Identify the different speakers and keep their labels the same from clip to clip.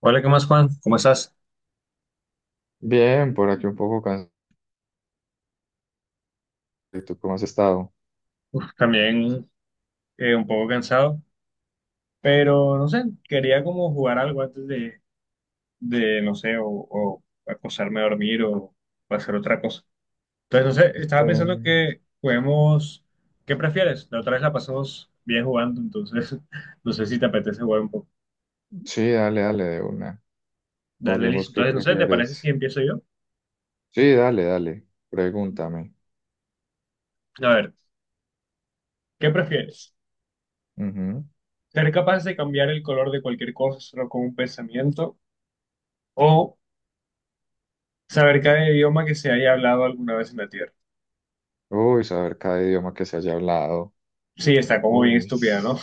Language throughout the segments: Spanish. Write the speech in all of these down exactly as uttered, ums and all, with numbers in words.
Speaker 1: Hola, ¿qué más, Juan? ¿Cómo estás?
Speaker 2: Bien, por aquí un poco cansado. ¿Y tú cómo has estado?
Speaker 1: Uf, también eh, un poco cansado, pero no sé, quería como jugar algo antes de, de no sé, o, o acostarme a dormir o, o hacer otra cosa. Entonces, no sé, estaba pensando
Speaker 2: Eh,
Speaker 1: que juguemos, ¿qué prefieres? La otra vez la pasamos bien jugando, entonces no sé si te apetece jugar un poco.
Speaker 2: sí, dale, dale, de una.
Speaker 1: Dale, listo.
Speaker 2: Juguemos qué
Speaker 1: Entonces, no sé, ¿te parece si
Speaker 2: prefieres.
Speaker 1: empiezo yo?
Speaker 2: Sí, dale, dale. Pregúntame.
Speaker 1: A ver, ¿qué prefieres?
Speaker 2: Ujú.
Speaker 1: ¿Ser capaz de cambiar el color de cualquier cosa solo con un pensamiento o saber cada idioma que se haya hablado alguna vez en la Tierra?
Speaker 2: Uy, saber cada idioma que se haya hablado.
Speaker 1: Sí, está como bien
Speaker 2: Uy,
Speaker 1: estúpida, ¿no?
Speaker 2: s-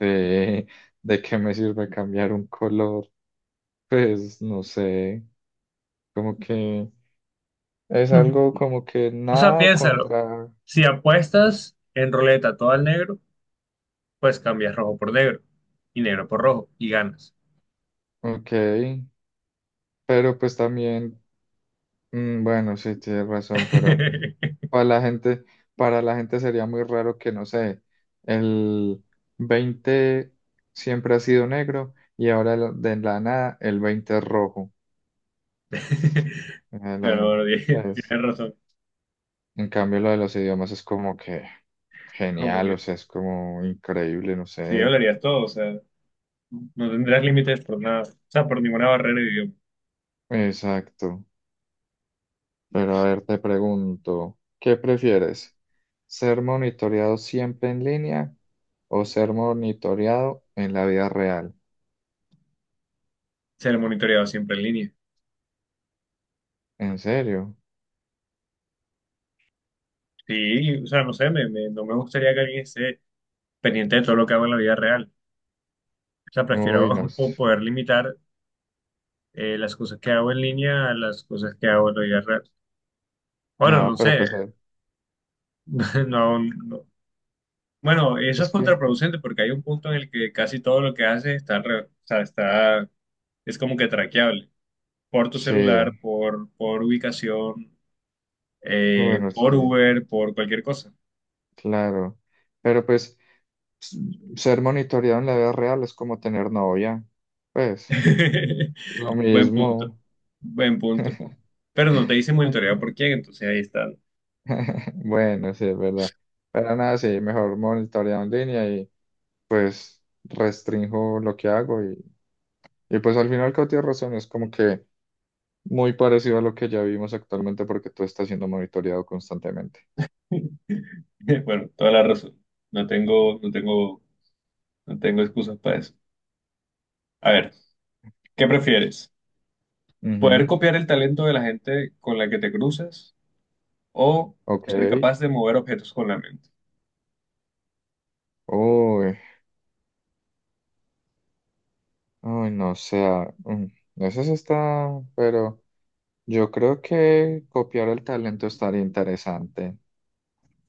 Speaker 2: sí. ¿De qué me sirve cambiar un color? Pues no sé. Como que es
Speaker 1: Mm.
Speaker 2: algo como que
Speaker 1: O sea,
Speaker 2: nada
Speaker 1: piénsalo.
Speaker 2: contra.
Speaker 1: Si apuestas en ruleta todo al negro, pues cambias rojo por negro y negro por rojo y ganas.
Speaker 2: Ok. Pero pues también. Mm, bueno, sí, tienes razón, pero. Para la gente, para la gente sería muy raro que, no sé, el veinte siempre ha sido negro y ahora lo- de la nada el veinte es rojo. Eh,
Speaker 1: Pero
Speaker 2: la-
Speaker 1: bueno, tie-
Speaker 2: pues,
Speaker 1: tienes razón.
Speaker 2: en cambio, lo de los idiomas es como que
Speaker 1: Como
Speaker 2: genial,
Speaker 1: que
Speaker 2: o sea, es como increíble, no
Speaker 1: sí
Speaker 2: sé.
Speaker 1: hablarías todo, o sea, no tendrás límites por nada, o sea, por ninguna barrera de idioma.
Speaker 2: Exacto. Pero a ver, te pregunto, ¿qué prefieres? ¿Ser monitoreado siempre en línea o ser monitoreado en la vida real?
Speaker 1: Ser monitoreado siempre en línea.
Speaker 2: ¿En serio?
Speaker 1: Sí, o sea, no sé, me, me- no me gustaría que alguien esté pendiente de todo lo que hago en la vida real. O sea, prefiero
Speaker 2: Uy, no sé.
Speaker 1: po- poder limitar eh, las cosas que hago en línea a las cosas que hago en la vida real. Bueno,
Speaker 2: No,
Speaker 1: no
Speaker 2: pero
Speaker 1: sé,
Speaker 2: pues, eh,
Speaker 1: no, no- bueno, eso
Speaker 2: pues
Speaker 1: es
Speaker 2: que
Speaker 1: contraproducente porque hay un punto en el que casi todo lo que haces está, alre- o sea, está, es como que traqueable por tu celular,
Speaker 2: sí,
Speaker 1: por, por ubicación, eh,
Speaker 2: bueno, sí,
Speaker 1: por Uber, por cualquier cosa.
Speaker 2: claro. Pero pues s- ser monitoreado en la vida real es como tener novia. Pues lo
Speaker 1: Buen punto,
Speaker 2: mismo.
Speaker 1: buen punto. Pero no te dice monitoreado por quién, entonces ahí está.
Speaker 2: Bueno, sí, es verdad. Pero nada, sí, mejor monitoreado en línea y pues restrinjo lo que hago. Y, y pues al final, que tienes razón, es como que muy parecido a lo que ya vimos actualmente porque tú estás siendo monitoreado constantemente.
Speaker 1: Bueno, toda la razón. No tengo, no tengo no tengo excusas para eso. A ver, ¿qué prefieres? ¿Poder
Speaker 2: Ujú,
Speaker 1: copiar el talento de la gente con la que te cruzas o
Speaker 2: ok.
Speaker 1: ser capaz de mover objetos con la mente?
Speaker 2: Uy. Uy, no, o sea, mm, eso sí está, pero yo creo que copiar el talento estaría interesante.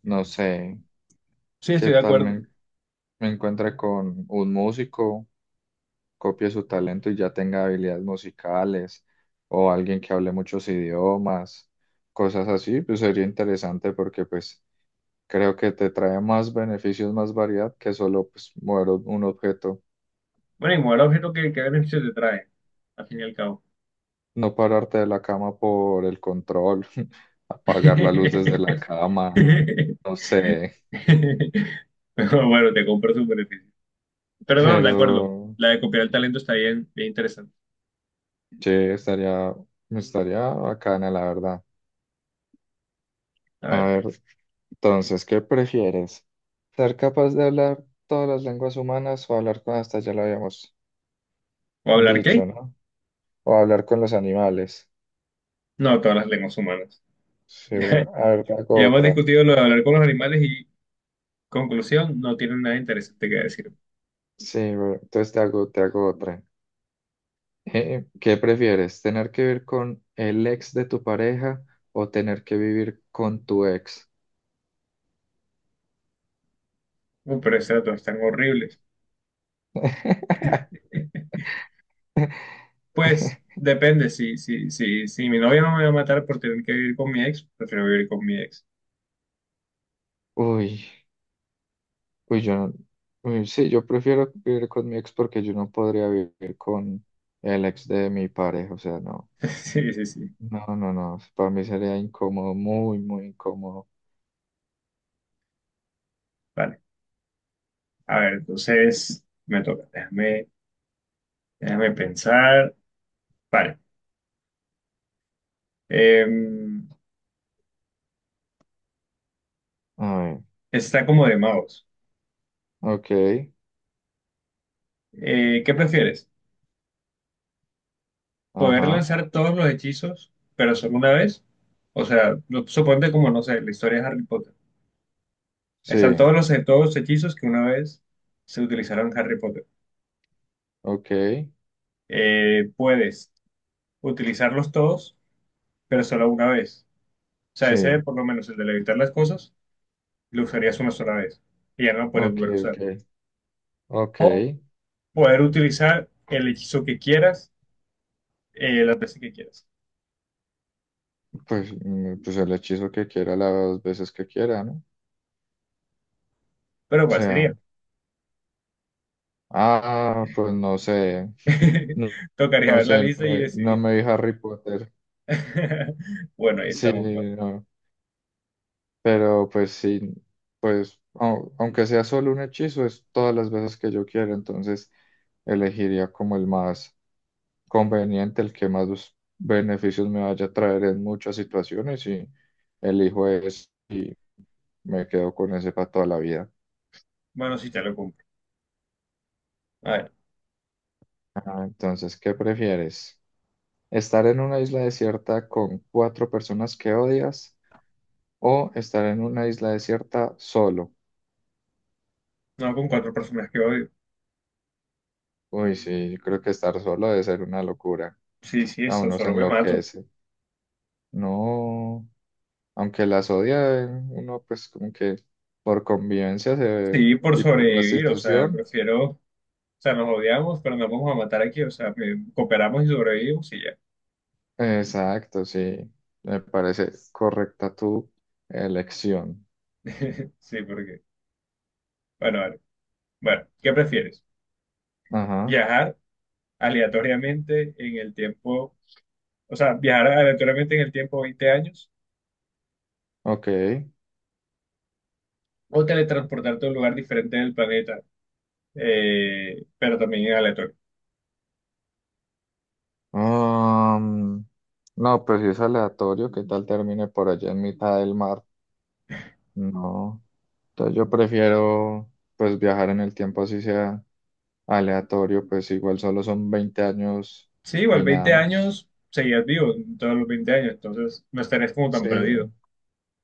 Speaker 2: No sé,
Speaker 1: Sí,
Speaker 2: qué
Speaker 1: estoy de
Speaker 2: tal
Speaker 1: acuerdo.
Speaker 2: me, me encuentre con un músico, copie su talento y ya tenga habilidades musicales, o alguien que hable muchos idiomas, cosas así, pues sería interesante porque pues creo que te trae más beneficios, más variedad que solo pues mover un un objeto.
Speaker 1: Bueno, y mover objetos, ¿qué, ¿qué beneficio te trae? Al fin y al cabo.
Speaker 2: No pararte de la cama por el control, apagar la luz desde la cama, no sé,
Speaker 1: Pero bueno, te compro su beneficio. Pero no, de acuerdo.
Speaker 2: pero
Speaker 1: La de copiar el talento está bien, bien interesante.
Speaker 2: che, estaría, estaría bacana, la verdad.
Speaker 1: A
Speaker 2: A
Speaker 1: ver,
Speaker 2: ver, entonces, ¿qué prefieres? ¿Ser capaz de hablar todas las lenguas humanas o hablar con, hasta ya lo habíamos
Speaker 1: ¿o hablar qué?
Speaker 2: dicho, ¿no? O hablar con los animales.
Speaker 1: No, todas las lenguas humanas.
Speaker 2: Sí,
Speaker 1: Ya,
Speaker 2: bueno, a ver, te hago
Speaker 1: ya hemos
Speaker 2: otra.
Speaker 1: discutido lo de hablar con los animales y conclusión, no tienen nada interesante que decir.
Speaker 2: Sí, bueno, entonces te hago, te hago otra. Eh, ¿qué prefieres? ¿Tener que vivir con el ex de tu pareja o tener que vivir con tu ex?
Speaker 1: Uh, pero esos datos están horribles. Pues depende, si, si, si, si mi novia no me va a matar por tener que vivir con mi ex, prefiero vivir con mi ex.
Speaker 2: Uy, uy, yo no- Uy, sí, yo prefiero vivir con mi ex porque yo no podría vivir con el ex de mi pareja, o sea, no,
Speaker 1: Sí, sí, sí.
Speaker 2: no, no, no, para mí sería incómodo, muy, muy incómodo.
Speaker 1: Vale. A ver, entonces me toca. Déjame, déjame pensar. Vale. Em,
Speaker 2: A ver,
Speaker 1: está como de magos.
Speaker 2: ok,
Speaker 1: Eh, ¿qué prefieres? ¿Poder
Speaker 2: ajá,
Speaker 1: lanzar todos los hechizos, pero solo una vez? O sea, lo- suponte como, no sé, la historia de Harry Potter. Están todos
Speaker 2: sí,
Speaker 1: los, todos los hechizos que una vez se utilizaron en Harry Potter.
Speaker 2: ok,
Speaker 1: Eh, puedes utilizarlos todos, pero solo una vez. O sea, ese,
Speaker 2: sí,
Speaker 1: por lo menos el de levitar las cosas, lo usarías una sola vez y ya no lo puedes
Speaker 2: ok,
Speaker 1: volver a
Speaker 2: ok,
Speaker 1: usar.
Speaker 2: ok.
Speaker 1: O poder utilizar el hechizo que quieras, eh, las veces que quieras.
Speaker 2: Pues, mm, pues el hechizo que quiera las veces que quiera, ¿no? O
Speaker 1: Pero ¿cuál sería?
Speaker 2: sea, ah, pues no sé, no,
Speaker 1: Tocaría
Speaker 2: no
Speaker 1: ver la
Speaker 2: sé, no,
Speaker 1: lista y
Speaker 2: me no
Speaker 1: decidir.
Speaker 2: me vi Harry Potter.
Speaker 1: Bueno, ahí
Speaker 2: Sí,
Speaker 1: estamos. Bueno,
Speaker 2: no, pero pues sí, pues au- aunque sea solo un hechizo, es todas las veces que yo quiera, entonces elegiría como el más conveniente, el que más los beneficios me vaya a traer en muchas situaciones y elijo ese y me quedo con ese para toda la vida.
Speaker 1: bueno, sí, te lo compro. A ver,
Speaker 2: Ah, entonces, ¿qué prefieres? Estar en una isla desierta con cuatro personas que odias o estar en una isla desierta solo.
Speaker 1: no con cuatro personas que odio.
Speaker 2: Uy, sí, yo creo que estar solo debe ser una locura.
Speaker 1: Sí, sí,
Speaker 2: A
Speaker 1: eso,
Speaker 2: uno se
Speaker 1: solo me mato.
Speaker 2: enloquece. No, aunque las odia, eh, uno pues como que por convivencia se-
Speaker 1: Sí, por
Speaker 2: y por la
Speaker 1: sobrevivir, o sea,
Speaker 2: situación.
Speaker 1: prefiero, o sea, nos odiamos, pero nos vamos a matar aquí, o sea, que cooperamos y sobrevivimos y ya.
Speaker 2: Exacto, sí. Me parece correcta tu elección.
Speaker 1: Sí, porque, bueno, vale. Bueno, ¿qué prefieres?
Speaker 2: Ajá,
Speaker 1: ¿Viajar aleatoriamente en el tiempo, o sea, viajar aleatoriamente en el tiempo veinte años
Speaker 2: ok.
Speaker 1: o teletransportarte a un lugar diferente del planeta, eh, pero también en aleatorio?
Speaker 2: Um, no, pues si es aleatorio, ¿qué tal termine por allá en mitad del mar? No, entonces yo prefiero pues viajar en el tiempo así sea aleatorio, pues igual solo son veinte años
Speaker 1: Sí, igual
Speaker 2: y nada
Speaker 1: veinte
Speaker 2: más.
Speaker 1: años, seguías vivo en todos los veinte años, entonces no estarías como tan
Speaker 2: Sí,
Speaker 1: perdido.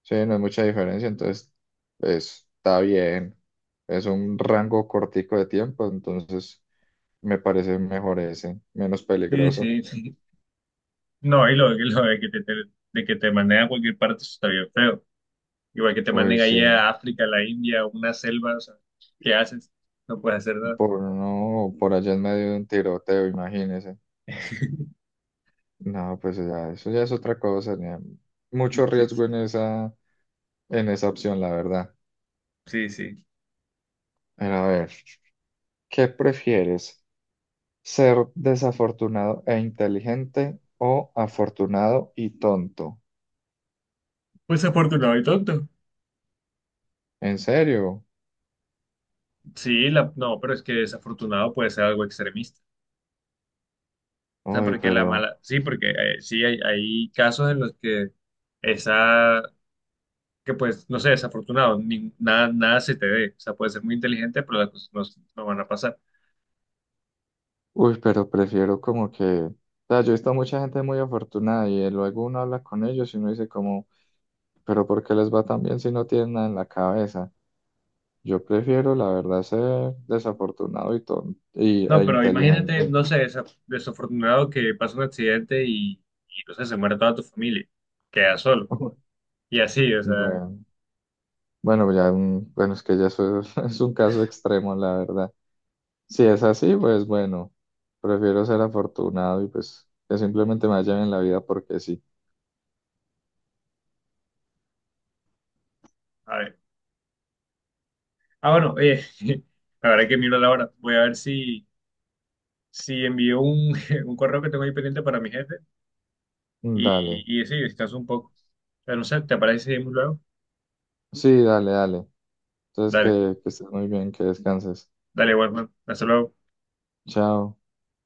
Speaker 2: sí, no es mucha diferencia, entonces pues, está bien. Es un rango cortico de tiempo, entonces me parece mejor ese, menos
Speaker 1: Sí,
Speaker 2: peligroso.
Speaker 1: sí. No, y lo, y lo de que te, te- de que te manden a cualquier parte, eso está bien feo. Igual que te
Speaker 2: Uy,
Speaker 1: manden ahí
Speaker 2: sí,
Speaker 1: a África, a la India, a una selva, o sea, ¿qué haces? No puedes hacer nada.
Speaker 2: por no, por allá en medio de un tiroteo, imagínese. No, pues ya, eso ya es otra cosa. Ya. Mucho riesgo en esa, en esa opción, la verdad.
Speaker 1: Sí, sí, sí.
Speaker 2: Pero a ver, ¿qué prefieres? ¿Ser desafortunado e inteligente o afortunado y tonto?
Speaker 1: Pues afortunado y tonto.
Speaker 2: ¿En serio?
Speaker 1: Sí, la- no, pero es que desafortunado puede ser algo extremista. O sea,
Speaker 2: Uy,
Speaker 1: porque la
Speaker 2: pero,
Speaker 1: mala, sí, porque eh, sí hay, hay casos en los que esa, que pues, no sé, desafortunado, ni- nada, nada se te dé. O sea, puede ser muy inteligente, pero las cosas no, no van a pasar.
Speaker 2: uy, pero prefiero como que, o sea, yo he visto mucha gente muy afortunada y luego uno habla con ellos y uno dice como, pero ¿por qué les va tan bien si no tienen nada en la cabeza? Yo prefiero, la verdad, ser desafortunado y tonto y, e
Speaker 1: No, pero imagínate,
Speaker 2: inteligente.
Speaker 1: no sé, desa- desafortunado que pasa un accidente y, y no sé, se muere toda tu familia, queda solo. Y así, o sea,
Speaker 2: Bueno, bueno, ya un- bueno, es que ya eso es, es un caso extremo, la verdad. Si es así, pues bueno, prefiero ser afortunado y pues que simplemente me vaya bien en la vida porque sí.
Speaker 1: a ver. Ah, bueno, oye, la verdad que miro la hora. Voy a ver si, si envío un, un correo que tengo ahí pendiente para mi jefe y,
Speaker 2: Dale,
Speaker 1: y, sí, descanso un poco. Pero no sé, ¿te parece si seguimos luego?
Speaker 2: sí, dale, dale. Entonces
Speaker 1: Dale,
Speaker 2: que, que estés muy bien, que descanses.
Speaker 1: dale, Warman. Hasta luego.
Speaker 2: Chao.